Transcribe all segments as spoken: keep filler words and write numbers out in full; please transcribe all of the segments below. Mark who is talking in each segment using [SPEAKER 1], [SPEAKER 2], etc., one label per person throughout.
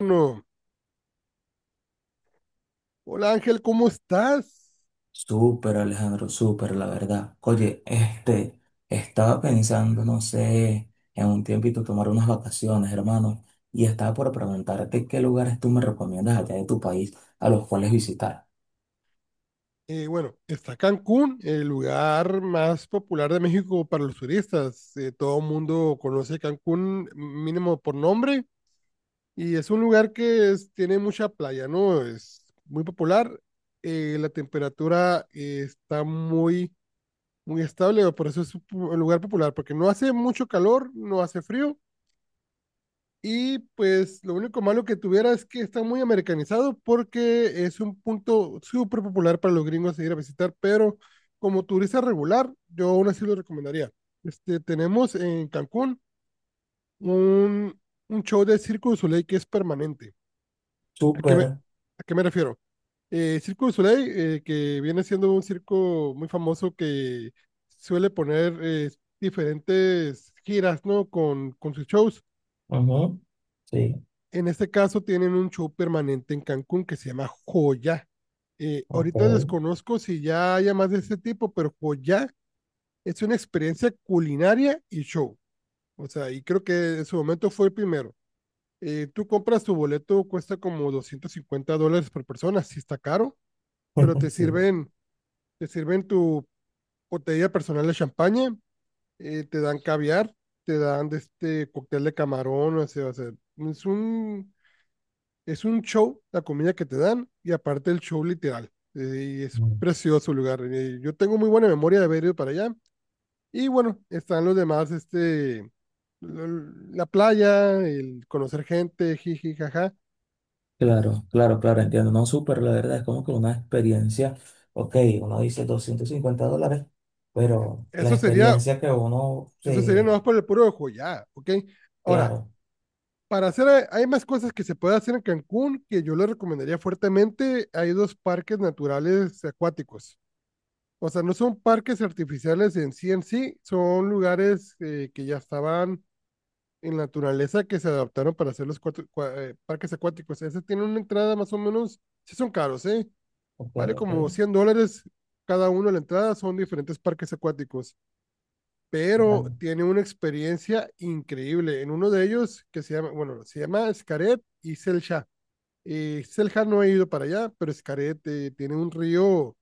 [SPEAKER 1] No. Hola Ángel, ¿cómo estás?
[SPEAKER 2] Súper, Alejandro, súper, la verdad. Oye, este, estaba pensando, no sé, en un tiempito tomar unas vacaciones, hermano, y estaba por preguntarte qué lugares tú me recomiendas allá de tu país a los cuales visitar.
[SPEAKER 1] Eh, bueno, está Cancún, el lugar más popular de México para los turistas. Eh, todo el mundo conoce Cancún mínimo por nombre y es un lugar que es- tiene mucha playa, ¿no? Es muy popular. Eh, la temperatura eh, está muy, muy estable, por eso es un pu- un lugar popular, porque no hace mucho calor, no hace frío. Y pues lo único malo que tuviera es que está muy americanizado porque es un punto súper popular para los gringos ir a visitar, pero como turista regular, yo aún así lo recomendaría. Este, tenemos en Cancún un, un show de Circo du Soleil que es permanente. ¿A qué me,
[SPEAKER 2] Súper.
[SPEAKER 1] a qué me refiero? Eh, Circo du Soleil, eh, que viene siendo un circo muy famoso que suele poner eh, diferentes giras, ¿no? Con, con sus shows.
[SPEAKER 2] Ujú. Sí.
[SPEAKER 1] En este caso tienen un show permanente en Cancún que se llama Joya. Eh, ahorita
[SPEAKER 2] Ok.
[SPEAKER 1] desconozco si ya haya más de este tipo, pero Joya es una experiencia culinaria y show. O sea, y creo que en su momento fue el primero. Eh, tú compras tu boleto, cuesta como doscientos cincuenta dólares por persona, sí está caro, pero te
[SPEAKER 2] Sí.
[SPEAKER 1] sirven, te sirven tu botella personal de champaña, eh, te dan caviar, te dan este cóctel de camarón, o sea, o sea, es un Es un show, la comida que te dan, y aparte el show literal. eh, Y es
[SPEAKER 2] Mm.
[SPEAKER 1] precioso el lugar. eh, Yo tengo muy buena memoria de haber ido para allá. Y bueno, están los demás, este, l- la playa, el conocer gente, jiji, jaja.
[SPEAKER 2] Claro, claro, claro, entiendo. No, súper, la verdad, es como que una experiencia. Ok, uno dice doscientos cincuenta dólares, pero la
[SPEAKER 1] Eso sería,
[SPEAKER 2] experiencia que uno
[SPEAKER 1] eso sería nomás
[SPEAKER 2] se...
[SPEAKER 1] por el puro ojo ya, ¿ok? Ahora,
[SPEAKER 2] Claro.
[SPEAKER 1] para hacer, eh, hay más cosas que se puede hacer en Cancún que yo le recomendaría fuertemente. Hay dos parques naturales acuáticos. O sea, no son parques artificiales en sí en sí, son lugares eh, que ya estaban en la naturaleza que se adaptaron para hacer los cuatro- cua- eh, parques acuáticos. Ese tiene una entrada más o menos, sí son caros, ¿eh?
[SPEAKER 2] Ok,
[SPEAKER 1] Vale como
[SPEAKER 2] ok.
[SPEAKER 1] cien dólares cada uno la entrada, son diferentes parques acuáticos, pero
[SPEAKER 2] Vale.
[SPEAKER 1] tiene una experiencia increíble. En uno de ellos, que se llama, bueno, se llama Xcaret y Celja. Eh, Celja no he ido para allá, pero Xcaret eh, tiene un río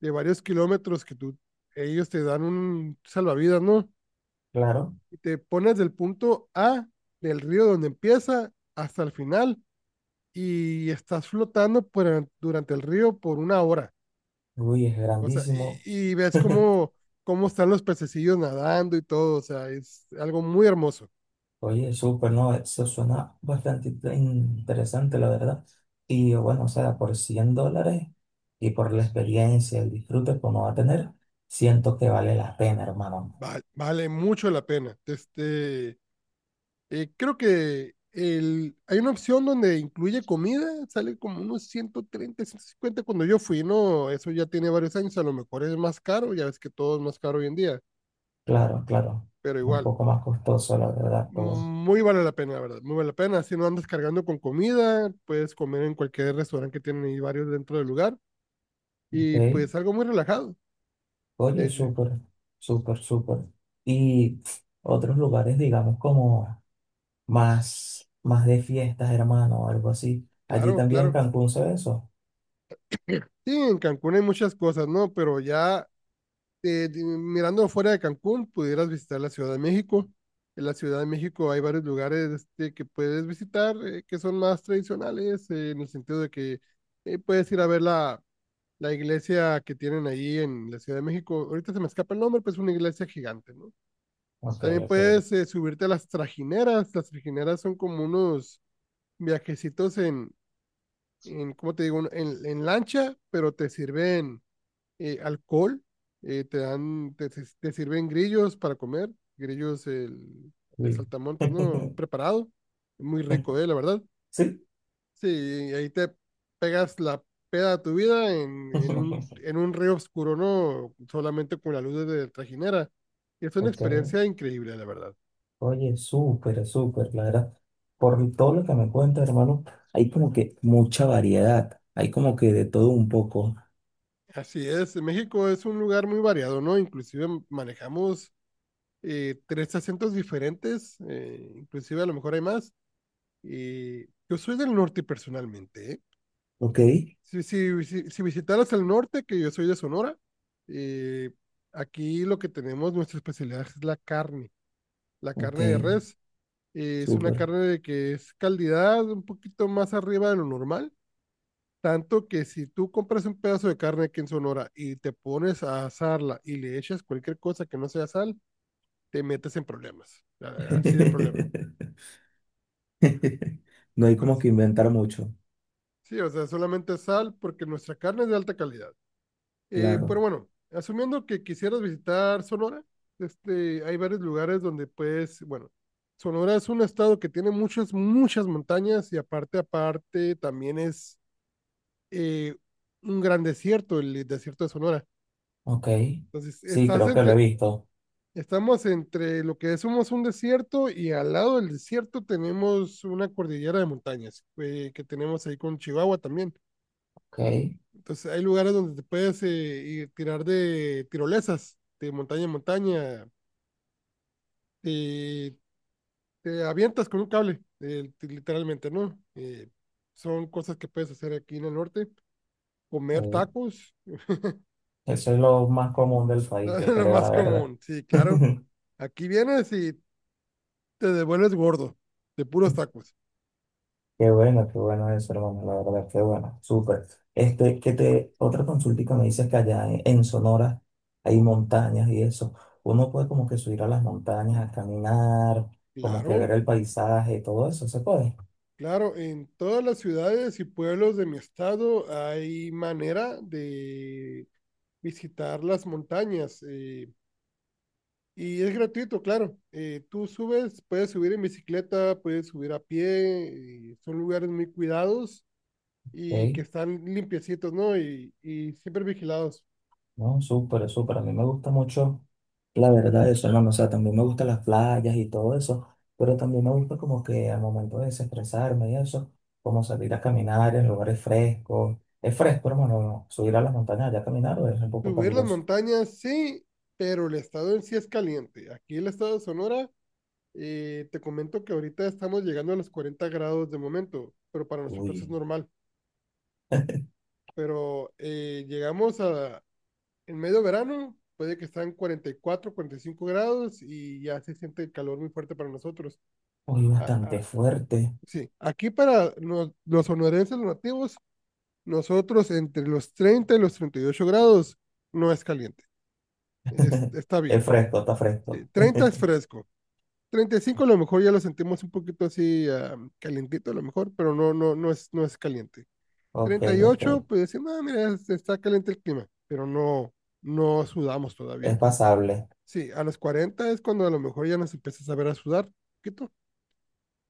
[SPEAKER 1] de varios kilómetros que tú, ellos te dan un salvavidas, ¿no?
[SPEAKER 2] Claro,
[SPEAKER 1] Y te pones del punto A del río donde empieza hasta el final y estás flotando por- durante el río por una hora.
[SPEAKER 2] Luis es
[SPEAKER 1] O sea,
[SPEAKER 2] grandísimo.
[SPEAKER 1] y, y ves cómo, cómo están los pececillos nadando y todo. O sea, es algo muy hermoso.
[SPEAKER 2] Oye, súper, ¿no? Eso suena bastante inte- interesante, la verdad. Y bueno, o sea, por cien dólares y por la experiencia, el disfrute que uno va a tener, siento que vale la pena, hermano.
[SPEAKER 1] Va- vale mucho la pena. Este, Eh, creo que el, hay una opción donde incluye comida, sale como unos ciento treinta ciento cincuenta cuando yo fui, ¿no? Eso ya tiene varios años, a lo mejor es más caro, ya ves que todo es más caro hoy en día,
[SPEAKER 2] Claro, claro.
[SPEAKER 1] pero
[SPEAKER 2] Un
[SPEAKER 1] igual,
[SPEAKER 2] poco más costoso, la verdad, todo.
[SPEAKER 1] muy vale la pena, la verdad, muy vale la pena, si no andas cargando con comida, puedes comer en cualquier restaurante que tienen ahí varios dentro del lugar y
[SPEAKER 2] Ok.
[SPEAKER 1] pues algo muy relajado, de
[SPEAKER 2] Oye,
[SPEAKER 1] hecho.
[SPEAKER 2] súper, súper, súper. Y otros lugares, digamos, como más, más de fiestas, hermano, o algo así. Allí
[SPEAKER 1] Claro,
[SPEAKER 2] también en
[SPEAKER 1] claro.
[SPEAKER 2] Cancún se ve eso.
[SPEAKER 1] Sí, en Cancún hay muchas cosas, ¿no? Pero ya eh, di- mirando fuera de Cancún, pudieras visitar la Ciudad de México. En la Ciudad de México hay varios lugares este, que puedes visitar eh, que son más tradicionales, eh, en el sentido de que eh, puedes ir a ver la, la iglesia que tienen ahí en la Ciudad de México. Ahorita se me escapa el nombre, pero es una iglesia gigante, ¿no?
[SPEAKER 2] Ok,
[SPEAKER 1] También
[SPEAKER 2] ok.
[SPEAKER 1] puedes eh, subirte a las trajineras. Las trajineras son como unos viajecitos en, en ¿cómo te digo? En, en lancha, pero te sirven eh, alcohol, eh, te dan, te, si, te- sirven grillos para comer, grillos el, el
[SPEAKER 2] Sí.
[SPEAKER 1] saltamontes, ¿no? Preparado, muy rico, eh, la verdad.
[SPEAKER 2] Sí.
[SPEAKER 1] Sí, ahí te pegas la peda de tu vida en, en un, en un río oscuro, ¿no? Solamente con la luz de la trajinera. Y es una
[SPEAKER 2] Ok.
[SPEAKER 1] experiencia increíble, la verdad.
[SPEAKER 2] Oye, súper, súper, la verdad. Por todo lo que me cuentas, hermano, hay como que mucha variedad. Hay como que de todo un poco.
[SPEAKER 1] Así es, México es un lugar muy variado, ¿no? Inclusive manejamos eh, tres acentos diferentes, eh, inclusive a lo mejor hay más. Eh, yo soy del norte personalmente. ¿Eh?
[SPEAKER 2] Ok.
[SPEAKER 1] Si, si, si, si visitaras el norte, que yo soy de Sonora, eh, aquí lo que tenemos, nuestra especialidad es la carne, la
[SPEAKER 2] Ok.
[SPEAKER 1] carne de res. Eh, es una
[SPEAKER 2] Súper.
[SPEAKER 1] carne de que es calidad un poquito más arriba de lo normal. Tanto que si tú compras un pedazo de carne aquí en Sonora y te pones a asarla y le echas cualquier cosa que no sea sal, te metes en problemas. a- Así de problemas.
[SPEAKER 2] No hay
[SPEAKER 1] Pero
[SPEAKER 2] como
[SPEAKER 1] sí,
[SPEAKER 2] que inventar mucho.
[SPEAKER 1] sí, o sea, solamente sal porque nuestra carne es de alta calidad. Eh, pero
[SPEAKER 2] Claro.
[SPEAKER 1] bueno, asumiendo que quisieras visitar Sonora, este, hay varios lugares donde puedes, bueno, Sonora es un estado que tiene muchas, muchas montañas y aparte, aparte, también es eh, un gran desierto, el desierto de Sonora.
[SPEAKER 2] Ok.
[SPEAKER 1] Entonces,
[SPEAKER 2] Sí,
[SPEAKER 1] estás
[SPEAKER 2] creo que lo he
[SPEAKER 1] entre,
[SPEAKER 2] visto.
[SPEAKER 1] estamos entre lo que somos un desierto y al lado del desierto tenemos una cordillera de montañas eh, que tenemos ahí con Chihuahua también.
[SPEAKER 2] Ok. eh,
[SPEAKER 1] Entonces hay lugares donde te puedes eh, ir tirar de tirolesas, de montaña en montaña, y te avientas con un cable, eh, ti- literalmente, ¿no? Eh, son cosas que puedes hacer aquí en el norte. Comer tacos,
[SPEAKER 2] eso es lo más común del país, yo
[SPEAKER 1] lo
[SPEAKER 2] creo, la
[SPEAKER 1] más
[SPEAKER 2] verdad.
[SPEAKER 1] común, sí, claro. Aquí vienes y te devuelves gordo, de puros tacos.
[SPEAKER 2] Qué bueno, qué bueno eso, hermano, la verdad, qué bueno, súper. Este, que te, otra consultica me dices que allá en, en Sonora hay montañas y eso. Uno puede como que subir a las montañas, a caminar, como que
[SPEAKER 1] Claro,
[SPEAKER 2] ver el paisaje, todo eso, se puede.
[SPEAKER 1] claro, en todas las ciudades y pueblos de mi estado hay manera de visitar las montañas. Eh, Y es gratuito, claro. Eh, tú subes, puedes subir en bicicleta, puedes subir a pie, y son lugares muy cuidados y
[SPEAKER 2] Ok,
[SPEAKER 1] que están limpiecitos, ¿no? Y, y siempre vigilados.
[SPEAKER 2] no, súper, súper. A mí me gusta mucho la verdad, eso, hermano, o sea, también me gustan las playas y todo eso, pero también me gusta como que al momento de desestresarme y eso, como salir a caminar en lugares frescos. ¿Es fresco, hermano, subir a las montañas allá a caminar o es un poco
[SPEAKER 1] Subir las
[SPEAKER 2] caluroso?
[SPEAKER 1] montañas, sí, pero el estado en sí es caliente. Aquí el estado de Sonora, eh, te comento que ahorita estamos llegando a los cuarenta grados de momento, pero para nosotros es
[SPEAKER 2] Uy,
[SPEAKER 1] normal. Pero eh, llegamos a, En medio verano puede que están cuarenta y cuatro, cuarenta y cinco grados y ya se siente el calor muy fuerte para nosotros.
[SPEAKER 2] uy,
[SPEAKER 1] Ah, ah,
[SPEAKER 2] bastante fuerte.
[SPEAKER 1] sí, aquí para los, los sonorenses, los nativos, nosotros entre los treinta y los treinta y ocho grados no es caliente. Es- está bien.
[SPEAKER 2] Es fresco, está
[SPEAKER 1] Sí,
[SPEAKER 2] fresco.
[SPEAKER 1] treinta es fresco. treinta y cinco a lo mejor ya lo sentimos un poquito así ah, calientito a lo mejor, pero no, no, no es, no es caliente.
[SPEAKER 2] Ok,
[SPEAKER 1] Treinta y ocho
[SPEAKER 2] ok,
[SPEAKER 1] pues decimos, ah, mira, está caliente el clima, pero no, no sudamos
[SPEAKER 2] es
[SPEAKER 1] todavía.
[SPEAKER 2] pasable.
[SPEAKER 1] Sí, a los cuarenta es cuando a lo mejor ya nos empiezas a ver a sudar un poquito,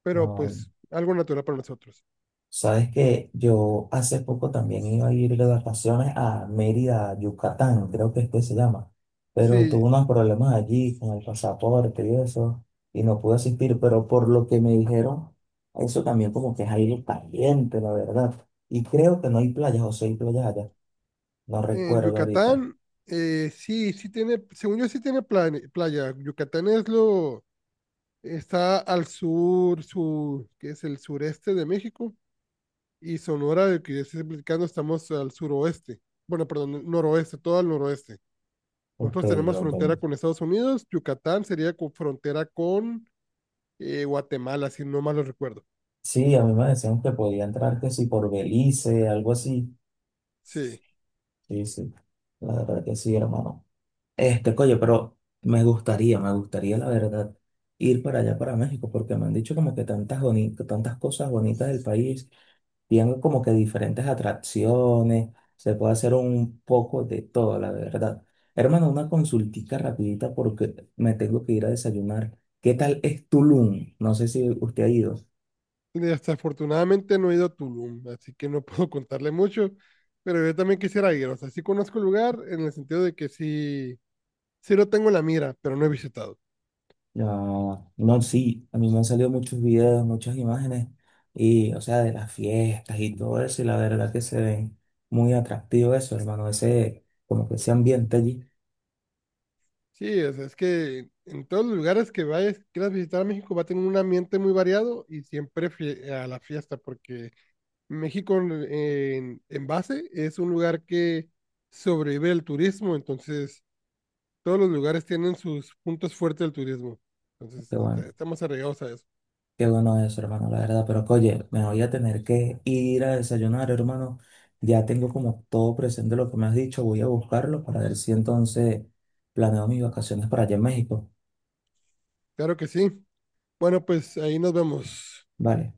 [SPEAKER 1] pero
[SPEAKER 2] No,
[SPEAKER 1] pues algo natural para nosotros.
[SPEAKER 2] sabes que yo hace poco también iba a ir de vacaciones a Mérida, Yucatán, creo que es que se llama, pero
[SPEAKER 1] Sí,
[SPEAKER 2] tuve unos problemas allí con el pasaporte y eso, y no pude asistir, pero por lo que me dijeron, eso también como que es aire caliente, la verdad. Y creo que no hay playas, o sí hay playas allá, no
[SPEAKER 1] en
[SPEAKER 2] recuerdo ahorita.
[SPEAKER 1] Yucatán, eh, sí, sí tiene, según yo sí tiene plane- playa. Yucatán es lo, está al sur, sur, que es el sureste de México, y Sonora, de que yo estoy explicando, estamos al suroeste, bueno, perdón, noroeste, todo al noroeste.
[SPEAKER 2] Ok,
[SPEAKER 1] Nosotros tenemos
[SPEAKER 2] ok.
[SPEAKER 1] frontera con Estados Unidos, Yucatán sería con frontera con eh, Guatemala, si no mal lo recuerdo.
[SPEAKER 2] Sí, a mí me decían que podía entrar que sí por Belice, algo así.
[SPEAKER 1] Sí.
[SPEAKER 2] Sí, sí, la verdad que sí, hermano. Este, coño, pero me gustaría, me gustaría, la verdad, ir para allá, para México, porque me han dicho como que tantas boni- tantas cosas bonitas del país, tienen como que diferentes atracciones, se puede hacer un poco de todo, la verdad. Hermano, una consultica rapidita porque me tengo que ir a desayunar. ¿Qué tal es Tulum? No sé si usted ha ido.
[SPEAKER 1] Desafortunadamente no he ido a Tulum, así que no puedo contarle mucho, pero yo también quisiera ir. O sea, sí conozco el lugar en el sentido de que sí, sí lo tengo en la mira, pero no he visitado.
[SPEAKER 2] No, no, sí, a mí me han salido muchos videos, muchas imágenes, y, o sea, de las fiestas y todo eso, y la verdad que se ven muy atractivo eso, hermano, ese, como que ese ambiente allí,
[SPEAKER 1] Sí, o sea, es que en todos los lugares que vayas, quieras visitar a México, va a tener un ambiente muy variado y siempre fie- a la fiesta, porque México en, en- en base es un lugar que sobrevive el turismo, entonces todos los lugares tienen sus puntos fuertes del turismo. Entonces,
[SPEAKER 2] qué
[SPEAKER 1] est-
[SPEAKER 2] bueno,
[SPEAKER 1] estamos arraigados a eso.
[SPEAKER 2] qué bueno eso, hermano, la verdad, pero que, oye, me voy a tener que ir a desayunar, hermano, ya tengo como todo presente lo que me has dicho, voy a buscarlo para ver si entonces planeo mis vacaciones para allá en México,
[SPEAKER 1] Claro que sí. Bueno, pues ahí nos vemos.
[SPEAKER 2] vale.